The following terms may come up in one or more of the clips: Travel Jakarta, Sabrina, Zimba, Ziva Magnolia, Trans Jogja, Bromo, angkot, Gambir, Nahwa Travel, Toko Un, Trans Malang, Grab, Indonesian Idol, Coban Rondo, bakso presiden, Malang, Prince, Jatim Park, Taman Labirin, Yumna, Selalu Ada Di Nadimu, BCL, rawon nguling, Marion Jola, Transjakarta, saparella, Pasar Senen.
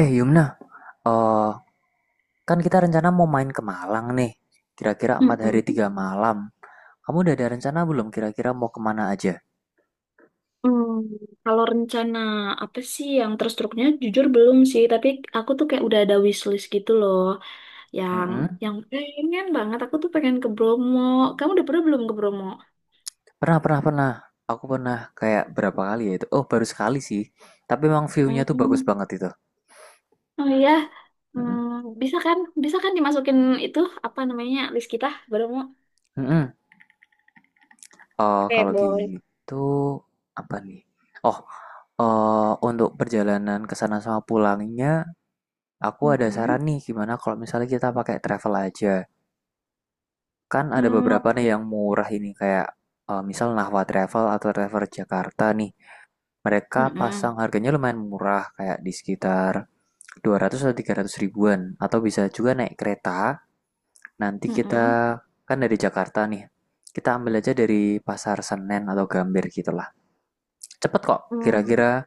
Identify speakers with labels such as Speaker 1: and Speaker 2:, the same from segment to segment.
Speaker 1: Eh Yumna, eh, kan kita rencana mau main ke Malang nih, kira-kira empat hari
Speaker 2: Mm-mm.
Speaker 1: tiga malam. Kamu udah ada rencana belum kira-kira mau kemana aja?
Speaker 2: Hmm, Kalau rencana apa sih yang terstruknya jujur belum sih, tapi aku tuh kayak udah ada wishlist gitu loh, yang
Speaker 1: Mm-mm.
Speaker 2: yang pengen banget aku tuh pengen ke Bromo. Kamu udah pernah belum ke Bromo?
Speaker 1: Pernah, pernah, pernah. Aku pernah kayak berapa kali ya itu? Oh, baru sekali sih. Tapi emang view-nya tuh bagus
Speaker 2: Hmm.
Speaker 1: banget itu.
Speaker 2: Oh iya. Hmm,
Speaker 1: Mm-mm.
Speaker 2: bisa kan? Bisa kan dimasukin itu apa namanya list kita Bromo?
Speaker 1: Mm-mm. Eh,
Speaker 2: Oke,
Speaker 1: kalau
Speaker 2: boleh.
Speaker 1: gitu, apa nih? Oh, untuk perjalanan ke sana sama pulangnya, aku ada
Speaker 2: Mm-mm.
Speaker 1: saran nih gimana kalau misalnya kita pakai travel aja. Kan ada
Speaker 2: Hmm, mau
Speaker 1: beberapa nih
Speaker 2: pakai.
Speaker 1: yang murah ini kayak misal Nahwa Travel atau Travel Jakarta nih. Mereka
Speaker 2: Mm-mm.
Speaker 1: pasang harganya lumayan murah kayak di sekitar 200 atau 300 ribuan atau bisa juga naik kereta. Nanti kita
Speaker 2: Mm-mm.
Speaker 1: kan dari Jakarta nih. Kita ambil aja dari Pasar Senen atau Gambir gitulah. Cepet kok.
Speaker 2: Hmm.
Speaker 1: Kira-kira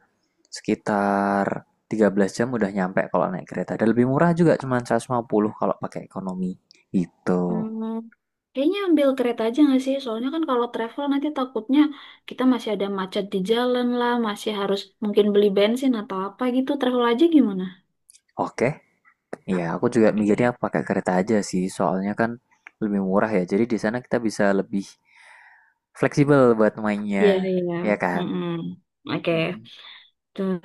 Speaker 1: sekitar 13 jam udah nyampe kalau naik kereta. Dan lebih murah juga cuma 150 kalau pakai ekonomi. Gitu.
Speaker 2: Hmm, kayaknya ambil kereta aja nggak sih? Soalnya kan kalau travel nanti takutnya kita masih ada macet di jalan lah, masih harus mungkin beli bensin atau apa gitu. Travel aja gimana?
Speaker 1: Oke. Iya, aku juga
Speaker 2: Oke.
Speaker 1: mikirnya pakai kereta aja sih, soalnya kan lebih murah ya. Jadi di sana kita bisa lebih fleksibel buat
Speaker 2: Iya,
Speaker 1: mainnya,
Speaker 2: iya.
Speaker 1: ya kan?
Speaker 2: Mm-mm. Oke,
Speaker 1: Mm-mm.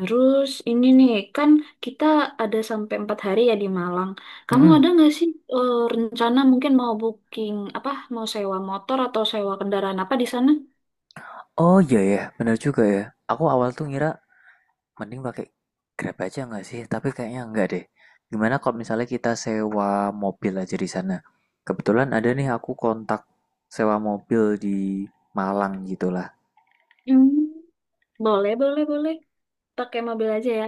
Speaker 2: terus ini nih, kan kita ada sampai empat hari ya di Malang. Kamu
Speaker 1: Mm-mm.
Speaker 2: ada nggak sih rencana mungkin mau booking apa, mau sewa motor atau sewa kendaraan apa di sana?
Speaker 1: Oh iya ya, bener juga ya. Aku awal tuh ngira mending pakai Grab aja nggak sih? Tapi kayaknya enggak deh. Gimana kalau misalnya kita sewa mobil aja di sana? Kebetulan ada nih aku kontak sewa mobil di Malang gitulah.
Speaker 2: Hmm, boleh, boleh, boleh. Pakai mobil aja ya.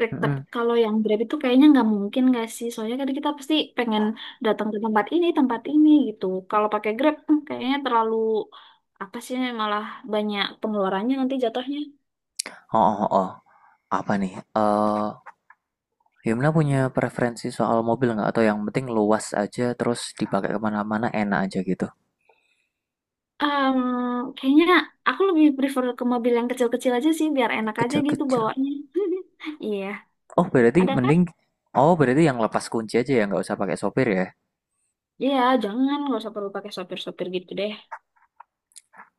Speaker 2: Rek,
Speaker 1: Mm-mm.
Speaker 2: kalau yang Grab itu kayaknya nggak mungkin nggak sih? Soalnya kan kita pasti pengen datang ke tempat ini gitu. Kalau pakai Grab, hmm, kayaknya terlalu apa sih? Malah banyak pengeluarannya nanti jatuhnya.
Speaker 1: Oh, oh, oh. Oh. Apa nih? Eh, Gimana punya preferensi soal mobil nggak? Atau yang penting luas aja terus dipakai kemana-mana enak aja gitu.
Speaker 2: Em, Kayaknya aku lebih prefer ke mobil yang kecil-kecil aja sih, biar enak aja gitu
Speaker 1: Kecil-kecil.
Speaker 2: bawanya. Iya,
Speaker 1: Oh berarti
Speaker 2: ada kan?
Speaker 1: mending, oh berarti yang lepas kunci aja ya nggak usah pakai sopir ya.
Speaker 2: Iya, jangan nggak usah perlu pakai sopir-sopir gitu deh.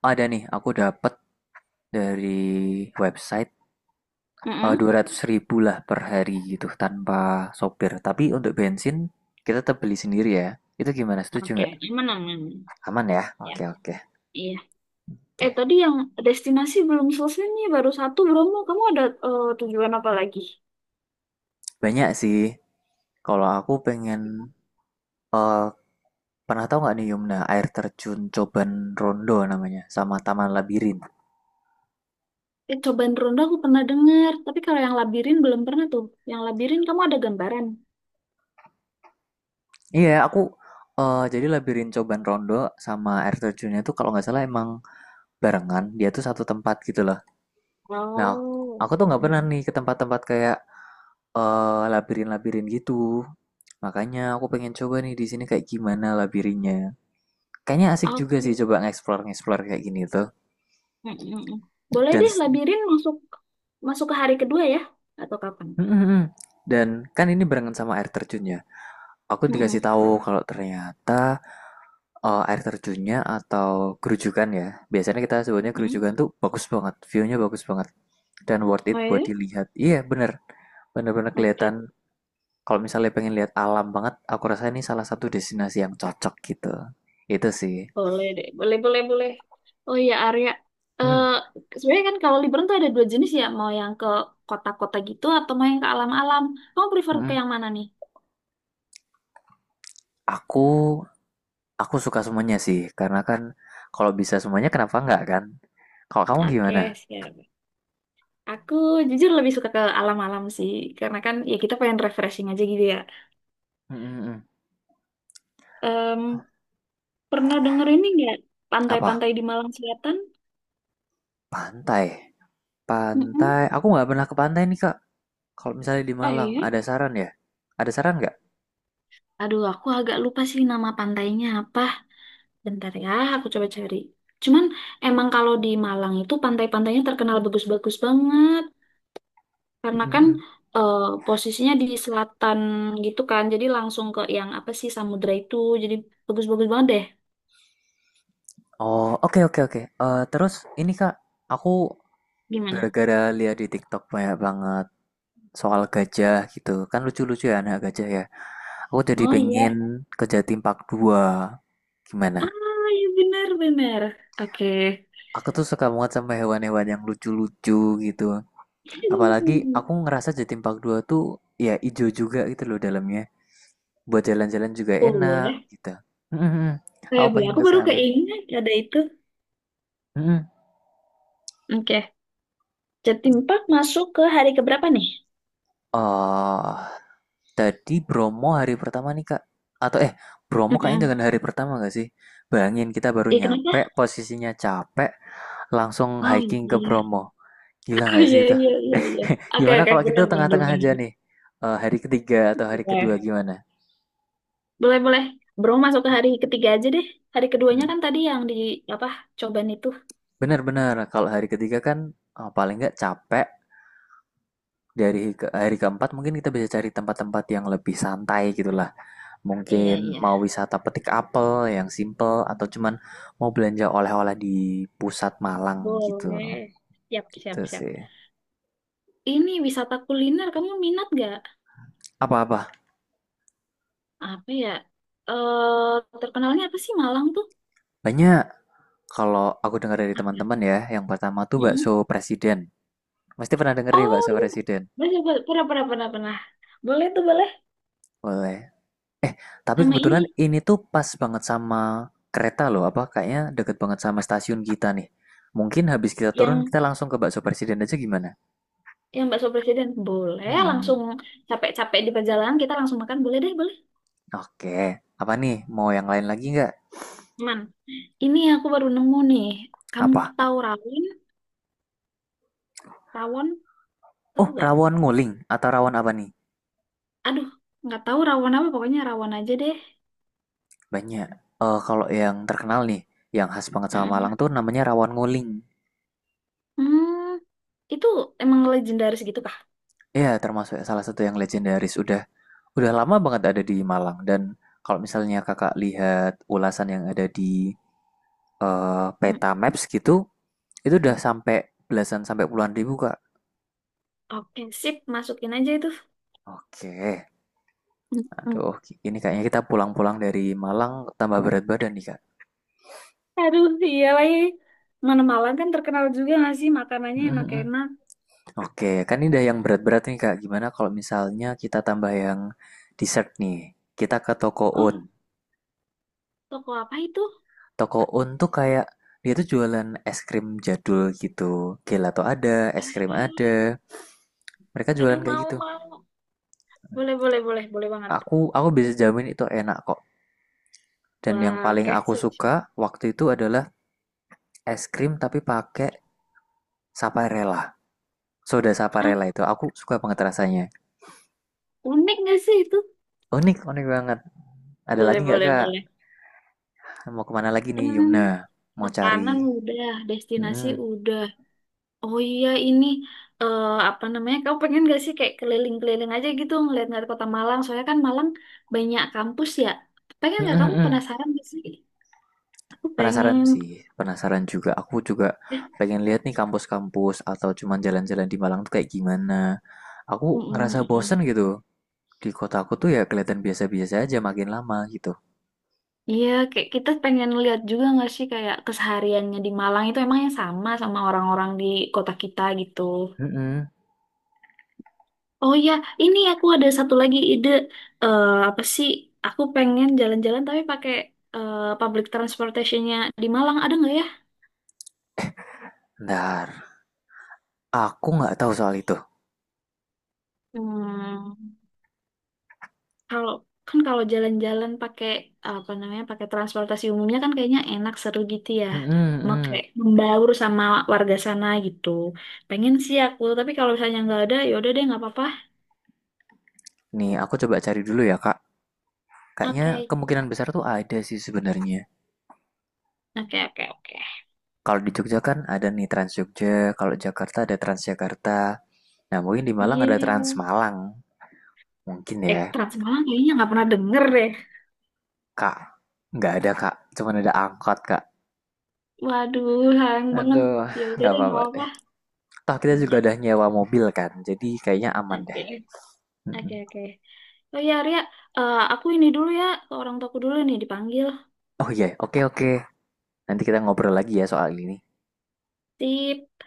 Speaker 1: Ada nih, aku dapat dari website
Speaker 2: Mm-mm.
Speaker 1: 200 ribu lah per hari gitu tanpa sopir. Tapi untuk bensin kita tetap beli sendiri ya. Itu gimana? Setuju
Speaker 2: Oke,
Speaker 1: nggak?
Speaker 2: aman, aman.
Speaker 1: Aman ya?
Speaker 2: Ya,
Speaker 1: Oke oke
Speaker 2: iya. Eh,
Speaker 1: oke.
Speaker 2: tadi yang destinasi belum selesai nih, baru satu Bromo. Kamu ada tujuan apa lagi?
Speaker 1: Banyak sih. Kalau aku pengen eh, Pernah tahu nggak nih Yumna air terjun Coban Rondo namanya sama Taman Labirin?
Speaker 2: Eh, cobaan ronda aku pernah dengar, tapi kalau yang labirin belum pernah tuh. Yang labirin kamu ada gambaran?
Speaker 1: Iya, aku jadi Labirin Coban Rondo sama air terjunnya tuh kalau nggak salah emang barengan, dia tuh satu tempat gitu loh. Nah,
Speaker 2: Oh.
Speaker 1: aku tuh nggak pernah
Speaker 2: Mm-mm.
Speaker 1: nih ke tempat-tempat kayak labirin-labirin gitu. Makanya aku pengen coba nih di sini kayak gimana labirinnya. Kayaknya asik juga sih
Speaker 2: Oke.
Speaker 1: coba nge-explore-nge-explore kayak gini tuh.
Speaker 2: Mm-mm. Boleh
Speaker 1: Dan
Speaker 2: deh, labirin masuk masuk ke hari kedua ya, atau kapan?
Speaker 1: Mm, mm, mm. Dan kan ini barengan sama air terjunnya. Aku dikasih
Speaker 2: Mm-mm.
Speaker 1: tahu kalau ternyata air terjunnya atau kerujukan ya. Biasanya kita sebutnya
Speaker 2: Mm-mm.
Speaker 1: kerujukan tuh bagus banget, view-nya bagus banget. Dan worth
Speaker 2: Oh,
Speaker 1: it
Speaker 2: ya?
Speaker 1: buat dilihat. Iya, bener. Bener-bener kelihatan.
Speaker 2: Oke.
Speaker 1: Kalau misalnya pengen lihat alam banget, aku rasa ini salah satu destinasi yang cocok gitu. Itu sih.
Speaker 2: Boleh deh, boleh, boleh, boleh. Oh iya, Arya.
Speaker 1: Hmm.
Speaker 2: Eh Sebenarnya kan kalau liburan tuh ada dua jenis ya, mau yang ke kota-kota gitu atau mau yang ke alam-alam. Kamu prefer ke
Speaker 1: Mm.
Speaker 2: yang mana nih?
Speaker 1: Aku aku suka semuanya sih, karena kan kalau bisa semuanya kenapa enggak kan? Kalau kamu
Speaker 2: Oke,
Speaker 1: gimana?
Speaker 2: siap. Aku jujur lebih suka ke alam-alam sih, karena kan ya kita pengen refreshing aja gitu ya.
Speaker 1: Mm, mm, mm.
Speaker 2: Em, Pernah denger ini nggak
Speaker 1: Apa?
Speaker 2: pantai-pantai di Malang Selatan?
Speaker 1: Pantai.
Speaker 2: Mm-mm.
Speaker 1: Pantai. Aku nggak pernah ke pantai nih, Kak. Kalau misalnya di
Speaker 2: Oh
Speaker 1: Malang,
Speaker 2: iya.
Speaker 1: ada saran ya? Ada saran nggak?
Speaker 2: Aduh, aku agak lupa sih nama pantainya apa. Bentar ya, aku coba cari. Cuman emang kalau di Malang itu pantai-pantainya terkenal bagus-bagus banget.
Speaker 1: Mm,
Speaker 2: Karena
Speaker 1: mm,
Speaker 2: kan
Speaker 1: mm.
Speaker 2: eh, posisinya di selatan gitu kan. Jadi langsung ke yang apa sih samudra itu. Jadi bagus-bagus banget deh.
Speaker 1: Oh, oke oke oke. Eh, terus ini Kak, aku
Speaker 2: Gimana?
Speaker 1: gara-gara lihat di TikTok banyak banget soal gajah gitu. Kan lucu-lucu ya anak gajah ya. Aku jadi
Speaker 2: Oh
Speaker 1: pengen
Speaker 2: iya.
Speaker 1: ke Jatim Park 2. Gimana?
Speaker 2: Ah iya benar-benar. Oke.
Speaker 1: Aku tuh suka banget sama hewan-hewan yang lucu-lucu gitu. Apalagi aku ngerasa Jatim Park 2 tuh ya ijo juga gitu loh dalamnya. Buat jalan-jalan juga enak
Speaker 2: Boleh.
Speaker 1: gitu. Mm, mm, mm.
Speaker 2: Eh,
Speaker 1: Aku
Speaker 2: boleh.
Speaker 1: pengen
Speaker 2: Aku
Speaker 1: ke
Speaker 2: baru
Speaker 1: sana.
Speaker 2: keinget ada itu.
Speaker 1: Mm, mm.
Speaker 2: Oke. Jatim Park masuk ke hari keberapa nih?
Speaker 1: Oh, tadi Bromo hari pertama nih Kak, atau Bromo kayaknya
Speaker 2: Mm-mm.
Speaker 1: dengan hari pertama gak sih? Bayangin kita baru
Speaker 2: Iya kenapa?
Speaker 1: nyampe, posisinya capek, langsung
Speaker 2: Oh
Speaker 1: hiking ke
Speaker 2: iya.
Speaker 1: Bromo. Gila
Speaker 2: Oh
Speaker 1: gak sih
Speaker 2: iya,
Speaker 1: itu?
Speaker 2: iya, iya, iya. Oke,
Speaker 1: Gimana
Speaker 2: oke,
Speaker 1: kalau
Speaker 2: bener,
Speaker 1: kita
Speaker 2: bener,
Speaker 1: tengah-tengah aja
Speaker 2: bener.
Speaker 1: nih? Eh, hari ketiga atau hari kedua
Speaker 2: Boleh,
Speaker 1: gimana?
Speaker 2: boleh, boleh. Bro masuk ke hari ketiga aja deh. Hari
Speaker 1: Hmm.
Speaker 2: keduanya kan tadi yang di apa cobaan itu.
Speaker 1: Bener benar kalau hari ketiga kan paling nggak capek, dari hari keempat mungkin kita bisa cari tempat-tempat yang lebih santai gitulah.
Speaker 2: Iya,
Speaker 1: Mungkin
Speaker 2: iya.
Speaker 1: mau wisata petik apel yang simple atau cuman mau belanja oleh-oleh di pusat Malang gitu.
Speaker 2: Boleh. Siap,
Speaker 1: Gitu
Speaker 2: siap, siap.
Speaker 1: sih.
Speaker 2: Ini wisata kuliner kamu minat gak?
Speaker 1: Apa-apa?
Speaker 2: Apa ya? Eh Terkenalnya apa sih Malang tuh?
Speaker 1: Banyak kalau aku dengar dari teman-teman ya, yang pertama tuh
Speaker 2: Mm-mm.
Speaker 1: bakso presiden. Pasti pernah denger nih
Speaker 2: Oh
Speaker 1: bakso
Speaker 2: iya.
Speaker 1: presiden.
Speaker 2: Boleh, boleh. Pernah, pernah, pernah, pernah. Boleh tuh boleh.
Speaker 1: Boleh. Eh, tapi
Speaker 2: Sama
Speaker 1: kebetulan
Speaker 2: ini
Speaker 1: ini tuh pas banget sama kereta loh, apa kayaknya deket banget sama stasiun kita nih. Mungkin habis kita turun
Speaker 2: yang
Speaker 1: kita langsung ke bakso presiden aja gimana?
Speaker 2: yang bakso presiden boleh
Speaker 1: Hmm.
Speaker 2: langsung capek-capek di perjalanan kita langsung makan boleh deh boleh.
Speaker 1: Oke. Apa nih? Mau yang lain lagi nggak?
Speaker 2: Aman. Ini aku baru nemu nih. Kamu
Speaker 1: Apa?
Speaker 2: tahu rawon? Rawon?
Speaker 1: Oh,
Speaker 2: Tahu gak?
Speaker 1: rawon nguling atau rawon apa nih?
Speaker 2: Aduh, nggak tahu rawon apa. Pokoknya rawon aja deh.
Speaker 1: Banyak. Kalau yang terkenal nih, yang khas banget sama Malang
Speaker 2: Mm-mm.
Speaker 1: tuh namanya rawon nguling.
Speaker 2: Hmm, itu emang legendaris gitu kah?
Speaker 1: Ya, termasuk salah satu yang legendaris. Udah lama banget ada di Malang. Dan kalau misalnya kakak lihat ulasan yang ada di
Speaker 2: Mm.
Speaker 1: peta maps gitu, itu udah sampai belasan sampai puluhan ribu, Kak.
Speaker 2: Oke, sip. Masukin aja itu.
Speaker 1: Oke.
Speaker 2: Mm-mm.
Speaker 1: Aduh, ini kayaknya kita pulang-pulang dari Malang tambah berat badan nih,
Speaker 2: Aduh, iya lagi. Mana Malang kan terkenal juga nggak sih makanannya
Speaker 1: Kak.
Speaker 2: enak-enak.
Speaker 1: Oke, kan ini udah yang berat-berat nih Kak. Gimana kalau misalnya kita tambah yang dessert nih? Kita ke toko Un.
Speaker 2: Oh, toko apa itu?
Speaker 1: Toko Un tuh kayak dia tuh jualan es krim jadul gitu. Gelato ada, es krim ada.
Speaker 2: Hmm.
Speaker 1: Mereka jualan
Speaker 2: Aduh,
Speaker 1: kayak
Speaker 2: mau,
Speaker 1: gitu.
Speaker 2: mau. Boleh, boleh, boleh. Boleh banget.
Speaker 1: Aku bisa jamin itu enak kok. Dan yang
Speaker 2: Wah,
Speaker 1: paling
Speaker 2: oke.
Speaker 1: aku
Speaker 2: Sip, sip.
Speaker 1: suka waktu itu adalah es krim tapi pakai saparella. Soda
Speaker 2: Hah,
Speaker 1: saparella itu aku suka banget rasanya.
Speaker 2: unik nggak sih itu?
Speaker 1: Unik, unik banget. Ada
Speaker 2: Boleh,
Speaker 1: lagi nggak
Speaker 2: boleh,
Speaker 1: Kak?
Speaker 2: boleh.
Speaker 1: Mau kemana lagi nih
Speaker 2: Hmm,
Speaker 1: Yumna? Mau cari?
Speaker 2: makanan udah, destinasi
Speaker 1: Mm-mm.
Speaker 2: udah. Oh iya ini eh, apa namanya? Kamu pengen gak sih kayak keliling-keliling aja gitu ngeliat-ngeliat kota Malang? Soalnya kan Malang banyak kampus ya. Pengen
Speaker 1: Mm,
Speaker 2: gak
Speaker 1: mm,
Speaker 2: kamu
Speaker 1: mm.
Speaker 2: penasaran gak sih? Aku
Speaker 1: Penasaran
Speaker 2: pengen.
Speaker 1: sih, penasaran juga. Aku juga pengen lihat nih kampus-kampus atau cuman jalan-jalan di Malang tuh kayak gimana. Aku ngerasa
Speaker 2: Mm-mm-mm.
Speaker 1: bosen gitu. Di kota aku tuh ya kelihatan biasa-biasa aja makin lama gitu.
Speaker 2: Iya, kayak kita pengen lihat juga nggak sih kayak kesehariannya di Malang itu emang yang sama sama orang-orang di kota kita gitu.
Speaker 1: Mm-mm.
Speaker 2: Oh ya, ini aku ada satu lagi ide. Eh, apa sih? Aku pengen jalan-jalan tapi pakai public transportationnya di Malang ada nggak ya?
Speaker 1: Ntar, aku nggak tahu soal itu.
Speaker 2: Hmm, kalau kan kalau jalan-jalan pakai apa namanya pakai transportasi umumnya kan kayaknya enak seru gitu ya.
Speaker 1: Mm-mm,
Speaker 2: Mau
Speaker 1: mm.
Speaker 2: kayak membaur sama warga sana gitu. Pengen sih aku, tapi kalau misalnya nggak ada, ya udah deh nggak apa-apa.
Speaker 1: Nih, aku coba cari dulu ya, Kak. Kayaknya
Speaker 2: Oke.
Speaker 1: kemungkinan besar tuh ada sih sebenarnya.
Speaker 2: Oke, oke, oke.
Speaker 1: Kalau di Jogja kan ada nih Trans Jogja, kalau Jakarta ada Transjakarta. Nah, mungkin di Malang ada
Speaker 2: Iya.
Speaker 1: Trans Malang. Mungkin
Speaker 2: Eh,
Speaker 1: ya.
Speaker 2: Trans Malang kayaknya nggak pernah denger deh.
Speaker 1: Kak, nggak ada kak, cuman ada angkot kak.
Speaker 2: Waduh, sayang banget.
Speaker 1: Aduh,
Speaker 2: Ya udah
Speaker 1: nggak
Speaker 2: deh, nggak
Speaker 1: apa-apa deh.
Speaker 2: apa-apa.
Speaker 1: Toh kita juga
Speaker 2: Iya,
Speaker 1: udah nyewa mobil kan, jadi kayaknya aman
Speaker 2: oke.
Speaker 1: deh.
Speaker 2: Oke, oke. Oh ya, Ria, eh, aku ini dulu ya, ke orang tuaku dulu nih dipanggil.
Speaker 1: Oh iya, yeah. Oke okay, oke. Okay. Nanti kita ngobrol lagi ya soal ini.
Speaker 2: Sip.